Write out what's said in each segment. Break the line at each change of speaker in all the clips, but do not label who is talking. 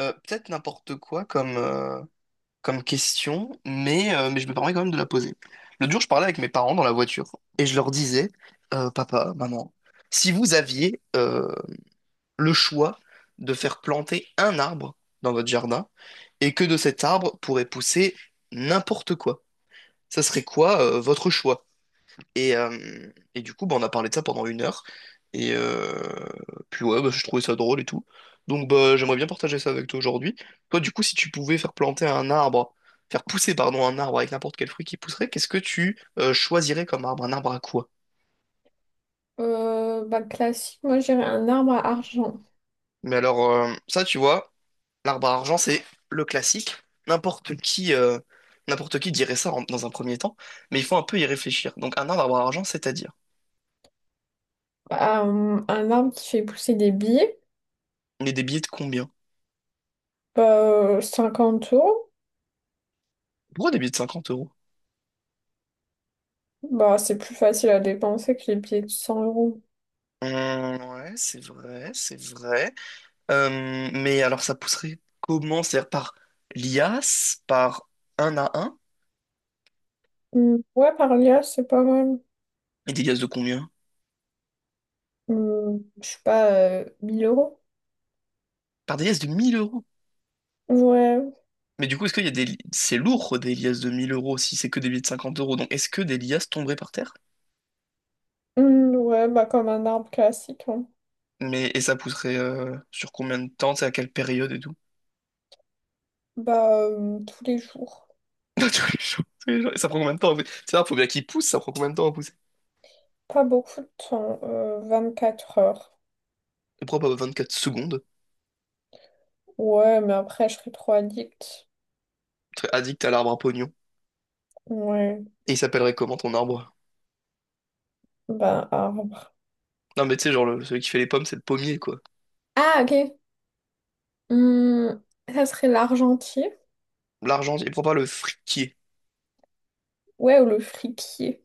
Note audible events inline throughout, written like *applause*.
Peut-être n'importe quoi comme question, mais je me permets quand même de la poser. L'autre jour, je parlais avec mes parents dans la voiture et je leur disais, papa, maman, si vous aviez le choix de faire planter un arbre dans votre jardin et que de cet arbre pourrait pousser n'importe quoi, ça serait quoi votre choix? Et du coup, bah, on a parlé de ça pendant une heure. Et euh, Puis ouais, bah, je trouvais ça drôle et tout. Donc bah, j'aimerais bien partager ça avec toi aujourd'hui. Toi, du coup, si tu pouvais faire planter un arbre, faire pousser, pardon, un arbre avec n'importe quel fruit qui pousserait, qu'est-ce que tu choisirais comme arbre? Un arbre à quoi?
Bah, classique, moi j'irais un arbre à argent.
Mais alors, ça, tu vois, l'arbre à argent, c'est le classique. N'importe qui, euh, n'importe qui dirait ça dans un premier temps, mais il faut un peu y réfléchir. Donc un arbre à argent, c'est-à-dire,
Un arbre qui fait pousser des billets,
on est des billets de combien?
bah, 50 euros.
Pourquoi des billets de 50 euros?
Bah, c'est plus facile à dépenser que les billets de cent euros.
Hum, ouais, c'est vrai, c'est vrai. Mais alors, ça pousserait comment? C'est-à-dire par liasse, par un à un.
Hmm, ouais, par là, c'est pas mal.
Et des liasses de combien?
Je sais pas, 1000 euros.
Par des liasses de 1000 euros.
Ouais.
Mais du coup, est-ce qu'il y a des... C'est lourd, des liasses de mille euros, si c'est que des billets de 50 euros. Donc, est-ce que des liasses tomberaient par terre?
Hmm, ouais, bah, comme un arbre classique, hein.
Mais, et ça pousserait sur combien de temps? C'est à quelle période et tout?
Bah, tous les jours.
*laughs* Tous les jours, tous les jours. Et ça prend combien de temps? En fait, c'est ça, faut bien qu'il pousse, ça prend combien de temps à pousser?
Pas beaucoup de temps, 4 heures.
Je crois pas 24 secondes.
Ouais, mais après, je serais trop addict.
Très addict à l'arbre à pognon.
Ouais,
Et il s'appellerait comment ton arbre?
bah, arbre.
Non, mais tu sais, genre, celui qui fait les pommes, c'est le pommier, quoi.
Ah, ok. Hum, Ça serait l'argentier?
L'argentier, pourquoi pas le friquier?
Ouais, ou le fripier?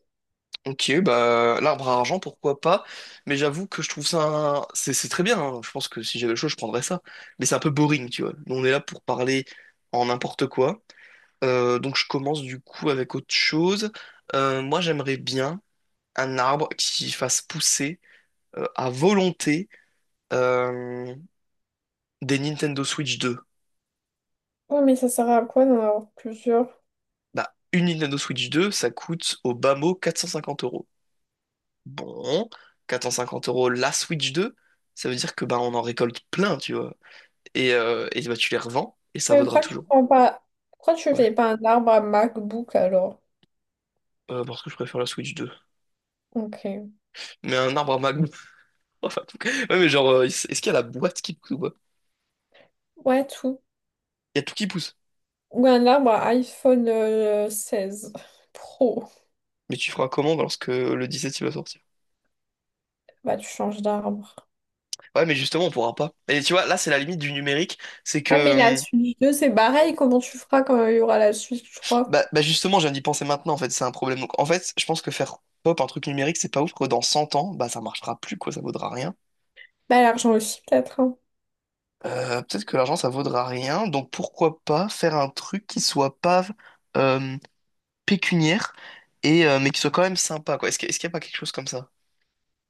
Ok, bah, l'arbre à argent, pourquoi pas? Mais j'avoue que je trouve ça. C'est très bien, hein. Je pense que si j'avais le choix, je prendrais ça. Mais c'est un peu boring, tu vois. Nous, on est là pour parler en n'importe quoi. Donc, je commence du coup avec autre chose. Moi, j'aimerais bien un arbre qui fasse pousser à volonté euh, des Nintendo Switch 2.
Ouais, mais ça sert à quoi d'en avoir plusieurs?
Bah, une Nintendo Switch 2, ça coûte au bas mot 450 euros. Bon, 450 euros la Switch 2, ça veut dire que bah on en récolte plein, tu vois. Et bah tu les revends et ça
Mais
vaudra
pourquoi tu
toujours.
prends pas... Pourquoi tu
Ouais.
fais pas un arbre à MacBook alors?
Parce que je préfère la Switch 2.
Ok.
Mais un arbre à Magnum. *laughs* Enfin, en tout cas. Ouais, mais genre, est-ce qu'il y a la boîte qui pousse ou pas?
Ouais, tout.
Il y a tout qui pousse.
Ou un arbre à iPhone 16 Pro.
Mais tu feras comment lorsque le 17 il va sortir?
Bah, tu changes d'arbre.
Ouais, mais justement, on pourra pas. Et tu vois, là, c'est la limite du numérique. C'est
Ouais, mais la
que,
Switch 2, c'est pareil. Comment tu feras quand il y aura la Switch 3?
bah justement, j'ai viens d'y penser maintenant, en fait, c'est un problème. Donc, en fait, je pense que faire pop un truc numérique, c'est pas ouf, que dans 100 ans, bah, ça marchera plus, quoi, ça vaudra rien.
Bah, l'argent aussi, peut-être, hein.
Peut-être que l'argent, ça vaudra rien. Donc pourquoi pas faire un truc qui soit pas euh, pécuniaire, mais qui soit quand même sympa, quoi. Est-ce qu'il n'y a pas quelque chose comme ça?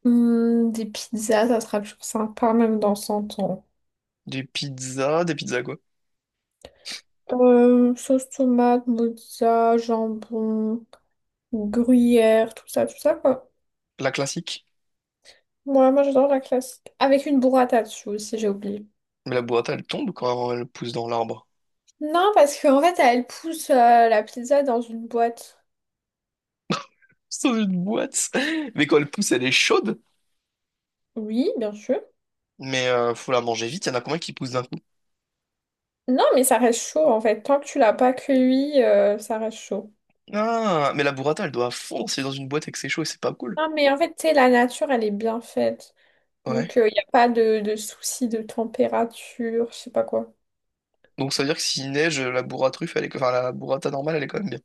Des pizzas, ça sera toujours sympa, même dans 100 ans.
Des pizzas quoi?
Sauce tomate, mozza, jambon, gruyère, tout ça, quoi.
La classique.
Moi, moi, j'adore la classique. Avec une burrata dessus aussi, j'ai oublié.
Mais la boîte, elle tombe quand elle pousse dans l'arbre.
Non, parce qu'en fait, elle pousse la pizza dans une boîte.
*laughs* C'est une boîte. Mais quand elle pousse, elle est chaude.
Oui, bien sûr.
Mais faut la manger vite. Il y en a combien qui poussent d'un coup?
Non, mais ça reste chaud, en fait. Tant que tu l'as pas cueilli, ça reste chaud.
Ah, mais la burrata, elle doit fondre. C'est dans une boîte et que c'est chaud et c'est pas cool.
Non, mais en fait, tu sais, la nature, elle est bien faite.
Ouais.
Donc, il n'y a pas de souci de température, je sais pas quoi.
Donc ça veut dire que s'il neige, la burra truffe, elle est... enfin la burrata normale, elle est quand même bien.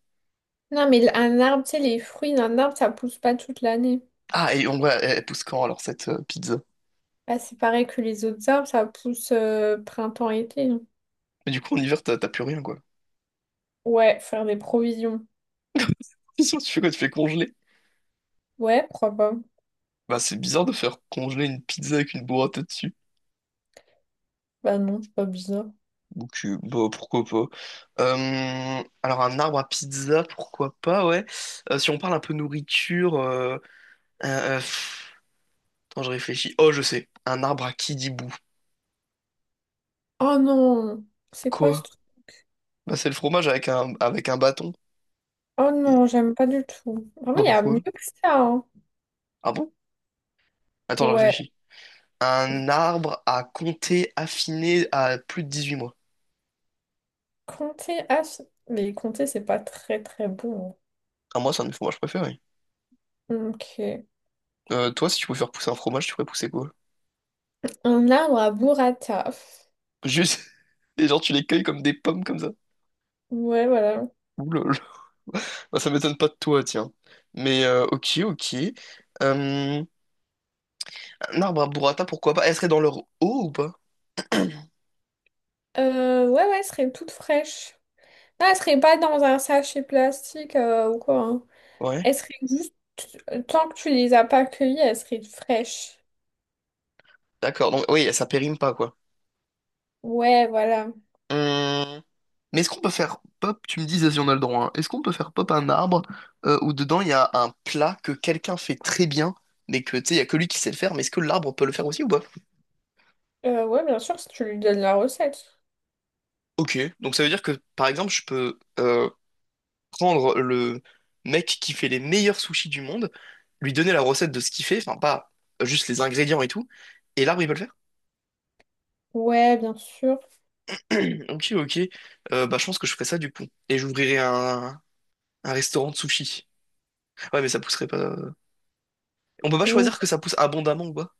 Non, mais un arbre, tu sais, les fruits d'un arbre, ça pousse pas toute l'année.
Ah, et elle pousse quand alors cette pizza?
Ah, c'est pareil que les autres arbres, ça pousse printemps-été.
Mais du coup, en hiver, t'as plus rien, quoi.
Ouais, faire des provisions.
*laughs* Qu'est-ce que tu fais quoi? Tu fais congeler?
Ouais, pourquoi pas?
Bah, c'est bizarre de faire congeler une pizza avec une burrata dessus.
Bah non, c'est pas bizarre.
Donc, bah, pourquoi pas. Alors, un arbre à pizza, pourquoi pas, ouais. Si on parle un peu nourriture, euh, euh, pff, attends, je réfléchis. Oh, je sais. Un arbre à kidibou.
Oh non, c'est quoi ce
Quoi?
truc?
Bah, c'est le fromage avec un bâton.
Oh
Et,
non, j'aime pas du tout. Vraiment,
bah,
il y a mieux
pourquoi?
que ça, hein.
Ah bon? Attends, je
Ouais.
réfléchis. Un arbre à compter affiné à plus de 18 mois.
Comté. Ah, mais Comté, c'est pas très très bon.
Ah, moi, c'est un de mes fromages préférés.
Hein. Ok.
Toi, si tu pouvais faire pousser un fromage, tu ferais pousser quoi?
Un arbre à burrata.
Juste, *laughs* et genre, tu les cueilles comme des pommes comme ça.
Ouais, voilà.
Ouh là là. Bah, ça m'étonne pas de toi, tiens. Mais, ok, ok. Euh, un arbre à burrata, pourquoi pas? Elle serait dans leur eau ou pas?
Ouais, ouais, elle serait toute fraîche. Ah, elle serait pas dans un sachet plastique ou quoi, hein.
Ouais.
Elles seraient juste, tant que tu les as pas accueillies, elles seraient fraîches.
D'accord, donc oui, ça périme pas, quoi.
Ouais, voilà.
Hum, Mais est-ce qu'on peut faire pop, tu me dis si on a le droit, hein. Est-ce qu'on peut faire pop un arbre où dedans il y a un plat que quelqu'un fait très bien, mais que tu sais, il y a que lui qui sait le faire, mais est-ce que l'arbre peut le faire aussi ou pas?
Ouais, bien sûr, si tu lui donnes la recette.
Ok, donc ça veut dire que par exemple, je peux prendre le mec qui fait les meilleurs sushis du monde, lui donner la recette de ce qu'il fait, enfin pas juste les ingrédients et tout, et l'arbre il peut le faire.
Ouais, bien sûr.
*clears throat* Ok, ok. Bah je pense que je ferai ça du coup, et j'ouvrirai un restaurant de sushis. Ouais, mais ça pousserait pas. On peut pas
Non,
choisir que ça pousse abondamment ou quoi.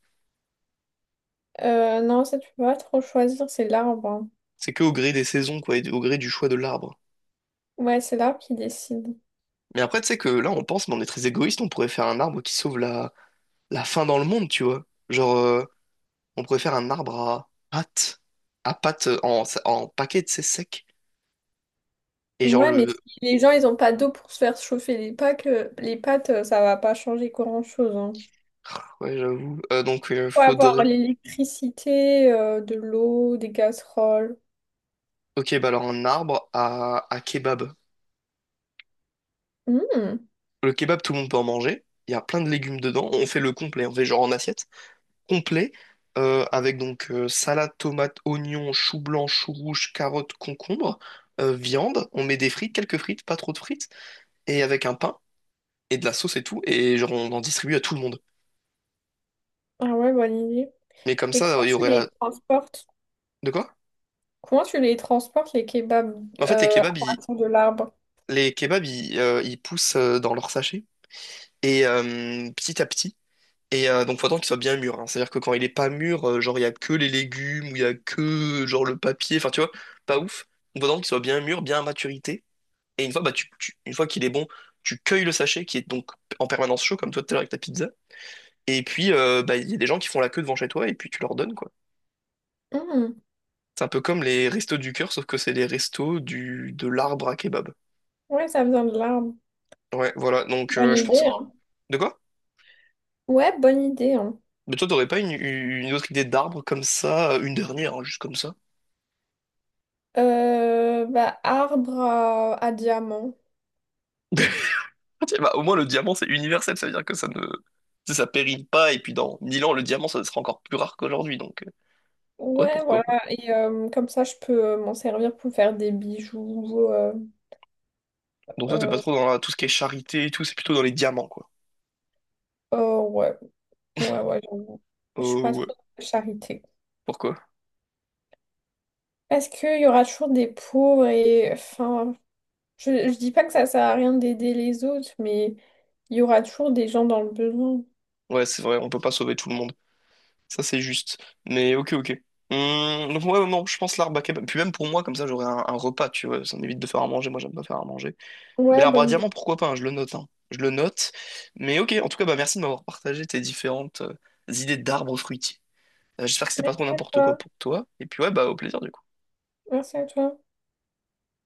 Non, ça, tu peux pas trop choisir, c'est l'arbre, hein.
C'est que au gré des saisons quoi, et au gré du choix de l'arbre.
Ouais, c'est l'arbre qui décide.
Mais après, tu sais que là on pense, mais on est très égoïste, on pourrait faire un arbre qui sauve la faim dans le monde, tu vois. Genre. On pourrait faire un arbre à pâte en paquet, c'est sec. Et genre
Ouais, mais
le...
si les gens, ils ont pas d'eau pour se faire chauffer les pâtes, ça va pas changer grand-chose, hein.
ah, ouais, j'avoue. Donc,
Faut avoir
faudrait...
l'électricité, de l'eau, des casseroles.
Ok, bah alors un arbre à kebab.
Hmm.
Le kebab, tout le monde peut en manger. Il y a plein de légumes dedans. On fait le complet. On fait genre en assiette. Complet, avec donc salade, tomate, oignon, chou blanc, chou rouge, carotte, concombre, viande. On met des frites, quelques frites, pas trop de frites. Et avec un pain et de la sauce et tout. Et genre, on en distribue à tout le monde.
Ah ouais, bonne idée.
Mais comme
Mais
ça,
comment
il y
tu
aurait la...
les transportes?
De quoi?
Comment tu les transportes, les kebabs,
En fait,
à partir de l'arbre?
les kebabs, ils poussent dans leur sachet et petit à petit. Donc, faut attendre qu'il soit bien mûr, hein. C'est-à-dire que quand il est pas mûr, genre il y a que les légumes ou il y a que genre le papier. Enfin, tu vois, pas ouf. Donc, faut attendre qu'il soit bien mûr, bien à maturité. Et une fois, bah, une fois qu'il est bon, tu cueilles le sachet qui est donc en permanence chaud, comme toi tout à l'heure avec ta pizza. Et puis, bah, il y a des gens qui font la queue devant chez toi et puis tu leur donnes quoi.
Mhm.
C'est un peu comme les restos du cœur, sauf que c'est les restos du de l'arbre à kebab.
Ouais, ça vient de l'arbre.
Ouais, voilà. Donc,
Bonne
je
idée,
pense.
hein.
De quoi?
Ouais, bonne idée, hein.
Mais toi, t'aurais pas une autre idée d'arbre comme ça, une dernière, hein, juste comme ça?
Bah, arbre à diamant.
*laughs* Tiens, bah, au moins, le diamant, c'est universel, ça veut dire que ça ne... tu sais, ça pérille pas, et puis dans 1000 ans, le diamant, ça sera encore plus rare qu'aujourd'hui, donc... Ouais,
Ouais, voilà.
pourquoi pas.
Et comme ça, je peux m'en servir pour faire des bijoux.
Donc toi, t'es pas
Euh,
trop dans tout ce qui est charité et tout, c'est plutôt dans les diamants, quoi.
oh, ouais. Ouais, ouais, j'avoue. Je suis pas
Oh, ouais.
trop dans la charité.
Pourquoi?
Parce qu'il y aura toujours des pauvres et... Enfin, je dis pas que ça sert à rien d'aider les autres, mais il y aura toujours des gens dans le besoin.
Ouais, c'est vrai, on peut pas sauver tout le monde. Ça, c'est juste. Mais ok, ok. Donc ouais, non, je pense l'arbre à kebab. Puis même pour moi, comme ça, j'aurais un repas, tu vois. Ça m'évite de faire à manger, moi, j'aime pas faire à manger. Mais
Ouais,
l'arbre à
bonne idée.
diamant, pourquoi pas, hein, je le note, hein. Je le note. Mais ok, en tout cas, bah, merci de m'avoir partagé tes différentes idées d'arbres fruitiers. J'espère que c'était pas
Merci
trop
à
n'importe quoi
toi.
pour toi. Et puis ouais, bah au plaisir du coup.
Merci à toi.